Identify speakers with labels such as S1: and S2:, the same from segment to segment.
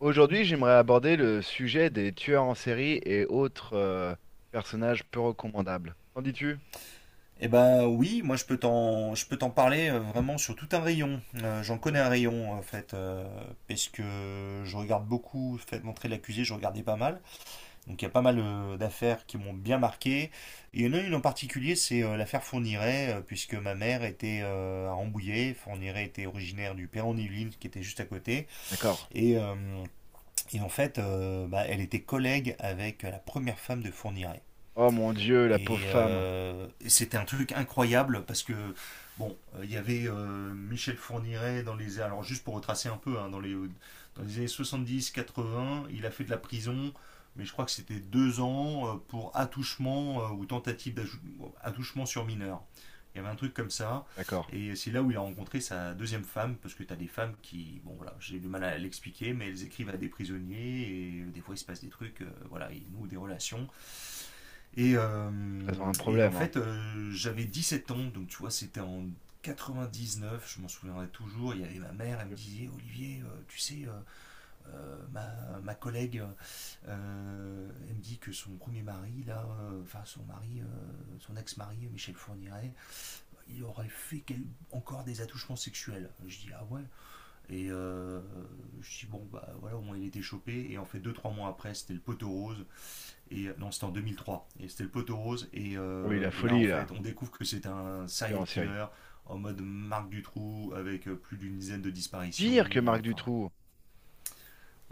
S1: Aujourd'hui, j'aimerais aborder le sujet des tueurs en série et autres personnages peu recommandables. Qu'en dis-tu?
S2: Eh ben oui, moi je peux t'en parler vraiment sur tout un rayon. J'en connais un rayon en fait, parce que je regarde beaucoup, fait montrer l'accusé, je regardais pas mal. Donc il y a pas mal d'affaires qui m'ont bien marqué. Et il y en a une en particulier, c'est l'affaire Fourniret, puisque ma mère était à Rambouillet, Fourniret était originaire du Perron-Yvelines, qui était juste à côté.
S1: D'accord.
S2: Et, euh, et en fait, bah, elle était collègue avec la première femme de Fourniret.
S1: Oh mon Dieu, la pauvre
S2: Et
S1: femme.
S2: c'était un truc incroyable parce que, bon, il y avait Michel Fourniret dans les. Alors, juste pour retracer un peu, hein, dans les années 70-80, il a fait de la prison, mais je crois que c'était 2 ans pour attouchement ou tentative d'attouchement sur mineur. Il y avait un truc comme ça.
S1: D'accord.
S2: Et c'est là où il a rencontré sa deuxième femme, parce que tu as des femmes qui, bon voilà, j'ai du mal à l'expliquer, mais elles écrivent à des prisonniers, et des fois il se passe des trucs, voilà, ils nouent des relations. Et,
S1: Elles ont
S2: euh,
S1: un
S2: et en
S1: problème, hein.
S2: fait, j'avais 17 ans, donc tu vois, c'était en 99, je m'en souviendrai toujours. Il y avait ma mère, elle me disait Olivier, tu sais, ma collègue, elle me dit que son premier mari, là, enfin son mari, son ex-mari, Michel Fourniret, il aurait fait encore des attouchements sexuels. Je dis « Ah ouais ». Et je dis « Bon, bah voilà, au moins il était chopé ». Et en fait, deux, trois mois après, c'était le poteau rose. Et non, c'était en 2003. Et c'était le poteau rose. Et,
S1: Oui,
S2: euh,
S1: la
S2: et là, en
S1: folie,
S2: fait,
S1: là.
S2: on découvre que c'est un
S1: Tueur en
S2: serial
S1: série.
S2: killer en mode Marc Dutroux avec plus d'une dizaine de disparitions.
S1: Pire que Marc
S2: Enfin.
S1: Dutroux.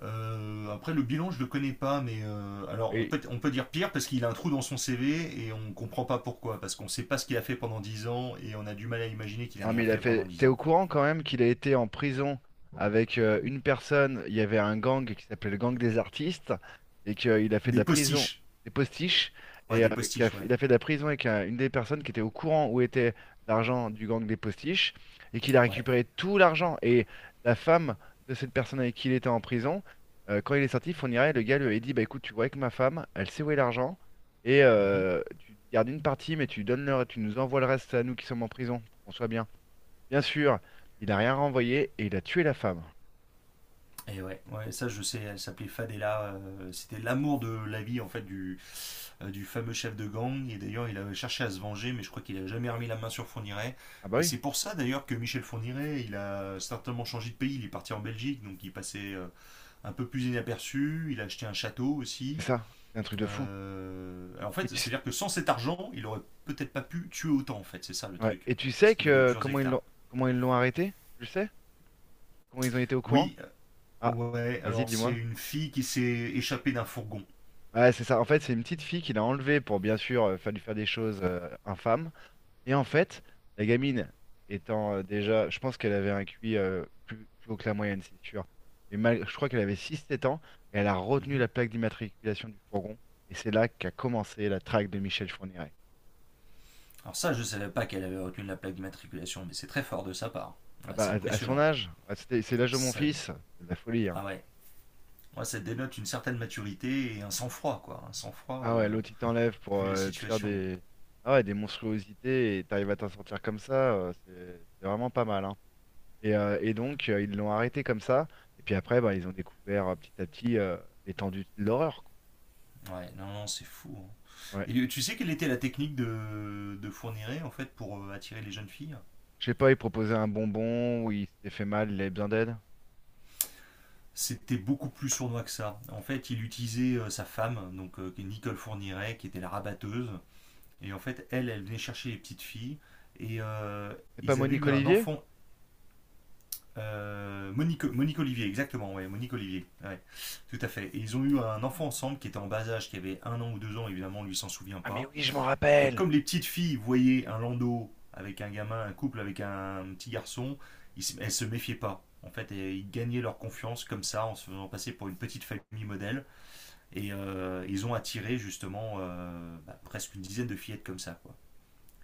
S2: Après, le bilan, je le connais pas, mais alors on
S1: Oui,
S2: peut, on peut dire pire parce qu'il a un trou dans son CV et on comprend pas pourquoi. Parce qu'on sait pas ce qu'il a fait pendant 10 ans et on a du mal à imaginer qu'il a
S1: non, mais
S2: rien
S1: il a
S2: fait pendant
S1: fait. T'es
S2: 10 ans.
S1: au courant quand même qu'il a été en prison avec une personne. Il y avait un gang qui s'appelait le gang des artistes et qu'il a fait de
S2: Des
S1: la prison
S2: postiches.
S1: des postiches
S2: Ouais,
S1: et
S2: des postiches, ouais.
S1: il a fait de la prison avec une des personnes qui était au courant où était l'argent du gang des postiches et qu'il a
S2: Ouais.
S1: récupéré tout l'argent et la femme de cette personne avec qui il était en prison. Quand il est sorti, Fourniret, le gars lui a dit, bah écoute, tu vois avec ma femme, elle sait où est l'argent et
S2: Mhm.
S1: tu gardes une partie, mais tu donnes leur, tu nous envoies le reste à nous qui sommes en prison pour qu'on soit bien. Bien sûr, il a rien renvoyé et il a tué la femme.
S2: Et ouais. Ouais, ça je sais, elle s'appelait Fadela. C'était l'amour de la vie en fait du fameux chef de gang. Et d'ailleurs, il avait cherché à se venger, mais je crois qu'il a jamais remis la main sur Fourniret.
S1: Ah bah
S2: Et
S1: oui,
S2: c'est pour ça d'ailleurs que Michel Fourniret, il a certainement changé de pays. Il est parti en Belgique, donc il passait un peu plus inaperçu. Il a acheté un château
S1: c'est
S2: aussi.
S1: ça, c'est un truc de fou.
S2: Alors, en
S1: Et
S2: fait, c'est-à-dire que sans cet argent, il aurait peut-être pas pu tuer autant. En fait, c'est ça le
S1: ouais,
S2: truc,
S1: et tu
S2: parce
S1: sais
S2: qu'il avait
S1: que
S2: plusieurs hectares.
S1: comment ils l'ont arrêté? Tu le sais? Comment ils ont été au courant?
S2: Oui,
S1: Ah,
S2: ouais.
S1: vas-y,
S2: Alors c'est
S1: dis-moi.
S2: une fille qui s'est échappée d'un fourgon.
S1: Ouais, c'est ça. En fait, c'est une petite fille qu'il a enlevée pour bien sûr faire lui faire des choses infâmes. Et en fait, la gamine étant déjà, je pense qu'elle avait un QI plus haut que la moyenne, c'est sûr. Et mal, je crois qu'elle avait six sept ans et elle a retenu
S2: Mhm.
S1: la plaque d'immatriculation du fourgon. Et c'est là qu'a commencé la traque de Michel Fourniret.
S2: Alors ça, je ne savais pas qu'elle avait retenu la plaque d'immatriculation, mais c'est très fort de sa part.
S1: Ah
S2: Ouais,
S1: bah,
S2: c'est
S1: à son
S2: impressionnant.
S1: âge, ah, c'est l'âge de mon
S2: Ça,
S1: fils, c'est de la folie, hein.
S2: ah ouais, ouais, ça dénote une certaine maturité et un sang-froid, quoi. Un sang-froid,
S1: Ah ouais, l'autre il t'enlève pour
S2: vu la
S1: te faire
S2: situation.
S1: des, ah ouais, des monstruosités et t'arrives à t'en sortir comme ça, c'est vraiment pas mal, hein. Et donc ils l'ont arrêté comme ça, et puis après bah, ils ont découvert petit à petit l'étendue de l'horreur, quoi.
S2: Ouais, non, non, c'est fou, hein.
S1: Ouais.
S2: Et tu sais quelle était la technique de Fourniret, en fait, pour attirer les jeunes filles?
S1: Je sais pas, il proposait un bonbon ou il s'était fait mal, il avait besoin d'aide.
S2: C'était beaucoup plus sournois que ça. En fait, il utilisait sa femme, donc qui est Nicole Fourniret, qui était la rabatteuse. Et en fait, elle, elle venait chercher les petites filles. Et
S1: C'est pas
S2: ils avaient
S1: Monique
S2: eu un
S1: Olivier?
S2: enfant. Monique Olivier, exactement, ouais, Monique Olivier, ouais, tout à fait. Et ils ont eu un enfant ensemble qui était en bas âge, qui avait un an ou deux ans, évidemment, lui s'en souvient
S1: Ah mais
S2: pas.
S1: oui, je m'en
S2: Et
S1: rappelle.
S2: comme les petites filles voyaient un landau avec un gamin, un couple avec un petit garçon, ils elles se méfiaient pas. En fait, et ils gagnaient leur confiance comme ça, en se faisant passer pour une petite famille modèle. Et ils ont attiré justement bah, presque une dizaine de fillettes comme ça, quoi.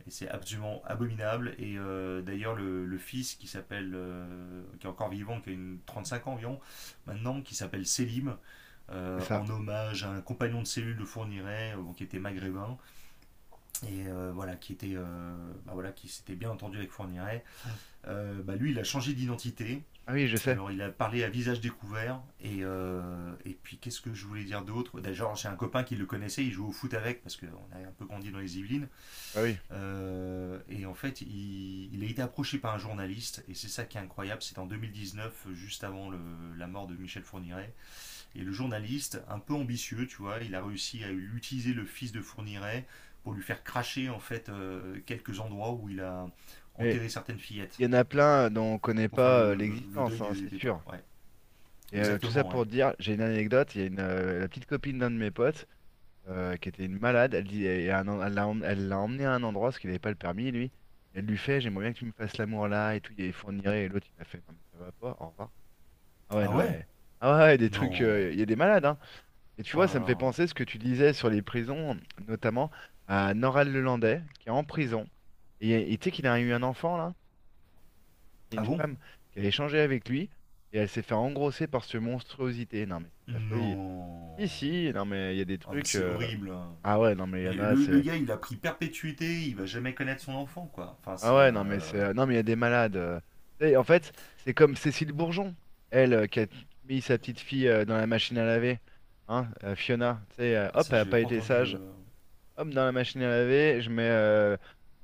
S2: Et c'est absolument abominable. Et d'ailleurs, le fils qui s'appelle, qui est encore vivant, qui a une 35 ans environ, maintenant, qui s'appelle Selim,
S1: C'est ça.
S2: en hommage à un compagnon de cellule de Fourniret, qui était maghrébin, et voilà, qui était, bah voilà, qui s'était bien entendu avec Fourniret. Bah lui, il a changé d'identité.
S1: Ah oui, je sais.
S2: Alors, il a parlé à visage découvert. Et puis, qu'est-ce que je voulais dire d'autre? D'ailleurs, j'ai un copain qui le connaissait, il jouait au foot avec, parce qu'on a un peu grandi dans les Yvelines.
S1: Ah oui.
S2: Et en fait, il a été approché par un journaliste, et c'est ça qui est incroyable, c'est en 2019, juste avant la mort de Michel Fourniret. Et le journaliste, un peu ambitieux, tu vois, il a réussi à utiliser le fils de Fourniret pour lui faire cracher, en fait, quelques endroits où il a
S1: Mais
S2: enterré certaines fillettes,
S1: il y en a plein dont on connaît
S2: pour faire
S1: pas
S2: le deuil
S1: l'existence, hein,
S2: des,
S1: c'est
S2: des pas.
S1: sûr.
S2: Ouais,
S1: Et tout ça
S2: exactement, ouais.
S1: pour dire, j'ai une anecdote, il y a la petite copine d'un de mes potes qui était une malade, elle dit, et un en- elle l'a emmené à un endroit parce qu'il n'avait pas le permis, lui. Elle lui fait, j'aimerais bien que tu me fasses l'amour là et tout, il fournirait, et l'autre il a fait, non mais ça va pas, au revoir. Ah ouais,
S2: Ah
S1: non
S2: ouais.
S1: mais, ah ouais, ouais, des trucs,
S2: Non.
S1: il y a des malades, hein. Et tu
S2: Oh
S1: vois,
S2: là
S1: ça me fait
S2: là.
S1: penser ce que tu disais sur les prisons, notamment à Noral Le Landais qui est en prison. Et tu sais qu'il a eu un enfant là, et
S2: Ah
S1: une
S2: bon.
S1: femme qui a échangé avec lui, et elle s'est fait engrosser par ce monstruosité. Non mais c'est de la folie. Si,
S2: Non.
S1: si, non mais il y a des
S2: Oh mais
S1: trucs.
S2: c'est horrible, hein.
S1: Ah ouais, non mais il y
S2: Mais
S1: en a,
S2: le
S1: c'est.
S2: gars, il a pris perpétuité, il va jamais connaître son enfant, quoi. Enfin,
S1: Ah
S2: c'est.
S1: ouais, non mais c'est. Non mais il y a des malades. Tu sais, en fait, c'est comme Cécile Bourgeon, elle, qui a mis sa petite fille dans la machine à laver. Hein, Fiona, tu sais,
S2: Ah,
S1: hop,
S2: ça,
S1: elle a
S2: j'avais
S1: pas
S2: pas
S1: été
S2: entendu.
S1: sage. Hop, dans la machine à laver, je mets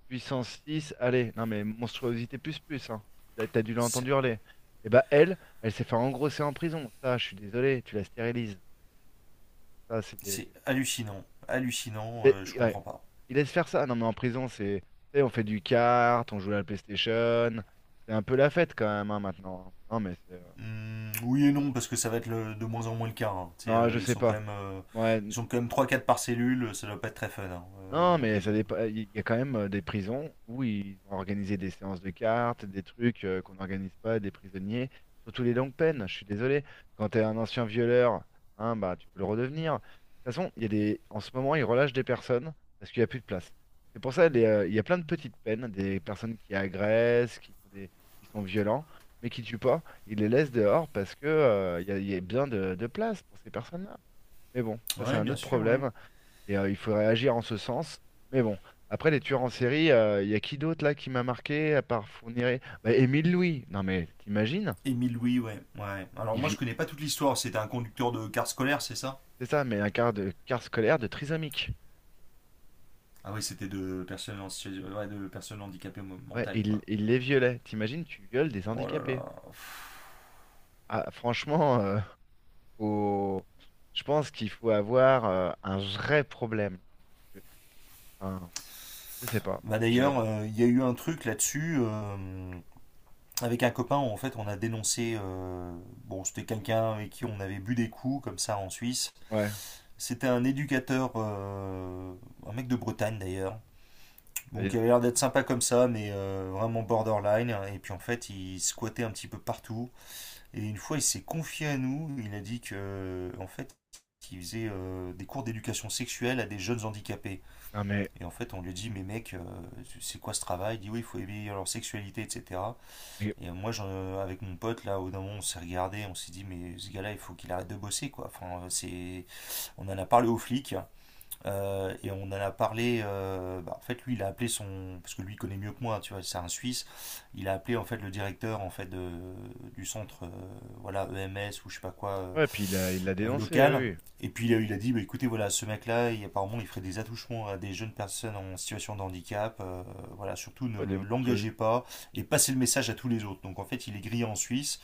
S1: puissance 6. Allez, non mais monstruosité plus plus, hein. Là, t'as dû l'entendre
S2: C'est
S1: hurler. Et bah elle, elle s'est fait engrosser en prison. Ça, je suis désolé, tu la stérilises. Ça, c'est des.
S2: c'est hallucinant. Hallucinant, je comprends pas.
S1: Ils laissent faire ça. Non, mais en prison, c'est, tu sais, on fait du kart, on joue à la PlayStation. C'est un peu la fête quand même, hein, maintenant. Non, mais c'est.
S2: Oui et non, parce que ça va être de moins en moins le cas, hein. Tu
S1: Non, je
S2: ils
S1: sais
S2: sont quand
S1: pas.
S2: même.
S1: Ouais,
S2: Ils sont quand même trois quatre par cellule, ça doit pas être très fun, hein,
S1: non,
S2: la
S1: mais ça
S2: prison.
S1: dépend. Il y a quand même des prisons où ils ont organisé des séances de cartes, des trucs qu'on n'organise pas, des prisonniers, surtout les longues peines. Je suis désolé. Quand t'es un ancien violeur, hein, bah tu peux le redevenir. De toute façon, il y a des. En ce moment, ils relâchent des personnes parce qu'il n'y a plus de place. C'est pour ça il y a plein de petites peines, des personnes qui agressent, qui font des, qui sont violents, mais qui tuent pas. Ils les laissent dehors parce que il y a bien de place pour ces personnes-là. Mais bon, ça c'est
S2: Ouais,
S1: un
S2: bien
S1: autre
S2: sûr, ouais.
S1: problème. Et il faudrait agir en ce sens. Mais bon, après les tueurs en série, il y a qui d'autre là qui m'a marqué à part Fourniret? Bah, Émile Louis. Non mais t'imagines?
S2: Émile Louis, ouais, ouais. Alors
S1: Il
S2: moi, je
S1: vit,
S2: connais pas toute l'histoire. C'était un conducteur de car scolaire, c'est ça?
S1: c'est ça, mais un quart de quart scolaire de trisomique.
S2: Ah oui, c'était de personnes, ouais, de personnes handicapées
S1: Ouais,
S2: mentales,
S1: il,
S2: quoi.
S1: il les violait. T'imagines, tu violes des
S2: Oh là
S1: handicapés.
S2: là.
S1: Ah, franchement, faut- je pense qu'il faut avoir un vrai problème. Enfin, je sais pas.
S2: Bah
S1: Je,
S2: d'ailleurs, il y a eu un truc là-dessus. Avec un copain, en fait, on a dénoncé. Bon, c'était quelqu'un avec qui on avait bu des coups, comme ça, en Suisse.
S1: ouais.
S2: C'était un éducateur, un mec de Bretagne d'ailleurs.
S1: Bah, dis
S2: Donc, il
S1: donc.
S2: avait l'air d'être sympa comme ça, mais vraiment borderline. Et puis en fait, il squattait un petit peu partout. Et une fois, il s'est confié à nous. Il a dit que, en fait, qu'il faisait des cours d'éducation sexuelle à des jeunes handicapés.
S1: Non mais,
S2: Et en fait, on lui dit, mais mec, c'est quoi ce travail? Il dit, oui, il faut éveiller leur sexualité, etc.
S1: mais-
S2: Et moi, avec mon pote, là, au d'un moment, on s'est regardé, on s'est dit, mais ce gars-là, il faut qu'il arrête de bosser, quoi. Enfin, c'est. On en a parlé aux flics, et on en a parlé. Bah, en fait, lui, il a appelé son, parce que lui il connaît mieux que moi, tu vois, c'est un Suisse. Il a appelé en fait le directeur en fait du centre, voilà, EMS ou je sais pas quoi
S1: ouais, puis il l'a dénoncé,
S2: local.
S1: oui, oui.
S2: Et puis il a dit, bah, écoutez, voilà, ce mec-là, apparemment, il ferait des attouchements à des jeunes personnes en situation de handicap. Voilà, surtout ne
S1: Ouais, des
S2: l'engagez
S1: monstruosités.
S2: pas et passez le message à tous les autres. Donc en fait, il est grillé en Suisse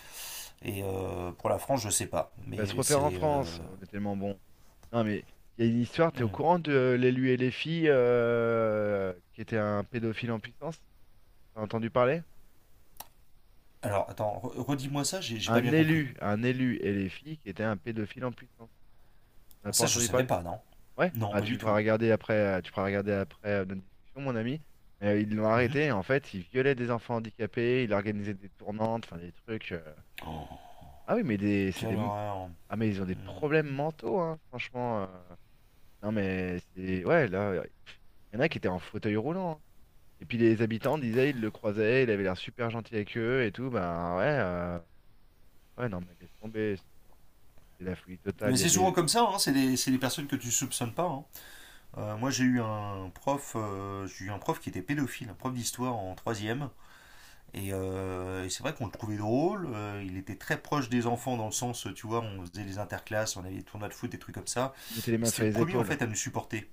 S2: et pour la France, je sais pas,
S1: Va se
S2: mais
S1: refaire en
S2: c'est.
S1: France, on est tellement bon. Non, mais il y a une histoire, t'es au
S2: Hum.
S1: courant de l'élu et les filles qui était un pédophile en puissance? T'as entendu parler?
S2: Alors attends, redis-moi ça, j'ai pas bien compris.
S1: Un élu et les filles qui était un pédophile en puissance. T'as
S2: Ah,
S1: pas
S2: ça, je
S1: entendu
S2: savais
S1: parler?
S2: pas, non.
S1: Ouais,
S2: Non,
S1: bah
S2: pas du tout.
S1: tu feras regarder après notre discussion, mon ami. Mais ils l'ont
S2: Mhm.
S1: arrêté, en fait, il violait des enfants handicapés, il organisait des tournantes, enfin des trucs.
S2: Oh,
S1: Ah oui, mais des, c'est des,
S2: quelle
S1: m-
S2: horreur.
S1: ah mais ils ont des
S2: Hmm.
S1: problèmes mentaux, hein, franchement. Non, mais c'est. Ouais, là, il y en a qui étaient en fauteuil roulant, hein. Et puis les habitants disaient, ils le croisaient, il avait l'air super gentil avec eux et tout. Ben ouais, ouais, non, mais laisse tomber, c'est la folie totale.
S2: Mais
S1: Il y a
S2: c'est souvent
S1: des.
S2: comme ça, hein, c'est des personnes que tu soupçonnes pas, hein. Moi, j'ai eu un prof qui était pédophile, un prof d'histoire en troisième. Et c'est vrai qu'on le trouvait drôle. Il était très proche des enfants dans le sens, tu vois, on faisait les interclasses, on avait des tournois de foot, des trucs comme ça.
S1: Ils mettaient les
S2: Et
S1: mains
S2: c'était
S1: sur
S2: le
S1: les
S2: premier en
S1: épaules.
S2: fait à nous supporter.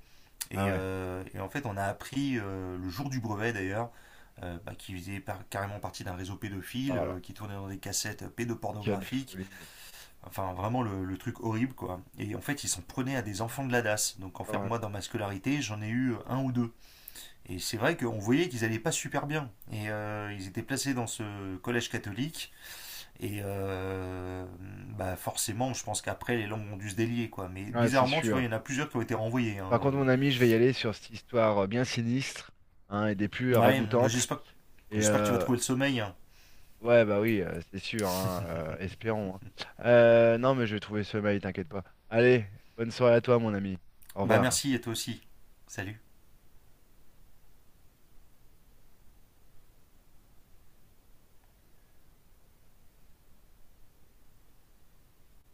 S2: Et,
S1: Ah ouais.
S2: euh, et en fait, on a appris le jour du brevet d'ailleurs, bah, qui faisait carrément partie d'un réseau
S1: Oh
S2: pédophile,
S1: là là,
S2: qui tournait dans des cassettes
S1: quelle
S2: pédopornographiques,
S1: folie.
S2: enfin vraiment le truc horrible quoi. Et en fait, ils s'en prenaient à des enfants de la DAS. Donc en
S1: Oh
S2: fait,
S1: là
S2: moi dans ma scolarité, j'en ai eu un ou deux. Et c'est vrai qu'on voyait qu'ils allaient pas super bien. Et ils étaient placés dans ce collège catholique. Et bah forcément, je pense qu'après, les langues ont dû se délier quoi. Mais
S1: là. Ouais, c'est
S2: bizarrement, tu vois,
S1: sûr.
S2: il y en a plusieurs qui ont été renvoyés,
S1: Par
S2: hein.
S1: contre, mon ami, je vais y aller sur cette histoire bien sinistre hein, et des plus
S2: Ouais, moi,
S1: ragoûtantes.
S2: j'espère.
S1: Et
S2: J'espère que tu vas trouver le sommeil.
S1: ouais, bah oui, c'est sûr, hein, espérons, hein. Non, mais je vais trouver ce mail, t'inquiète pas. Allez, bonne soirée à toi, mon ami. Au
S2: Bah
S1: revoir.
S2: merci et toi aussi. Salut.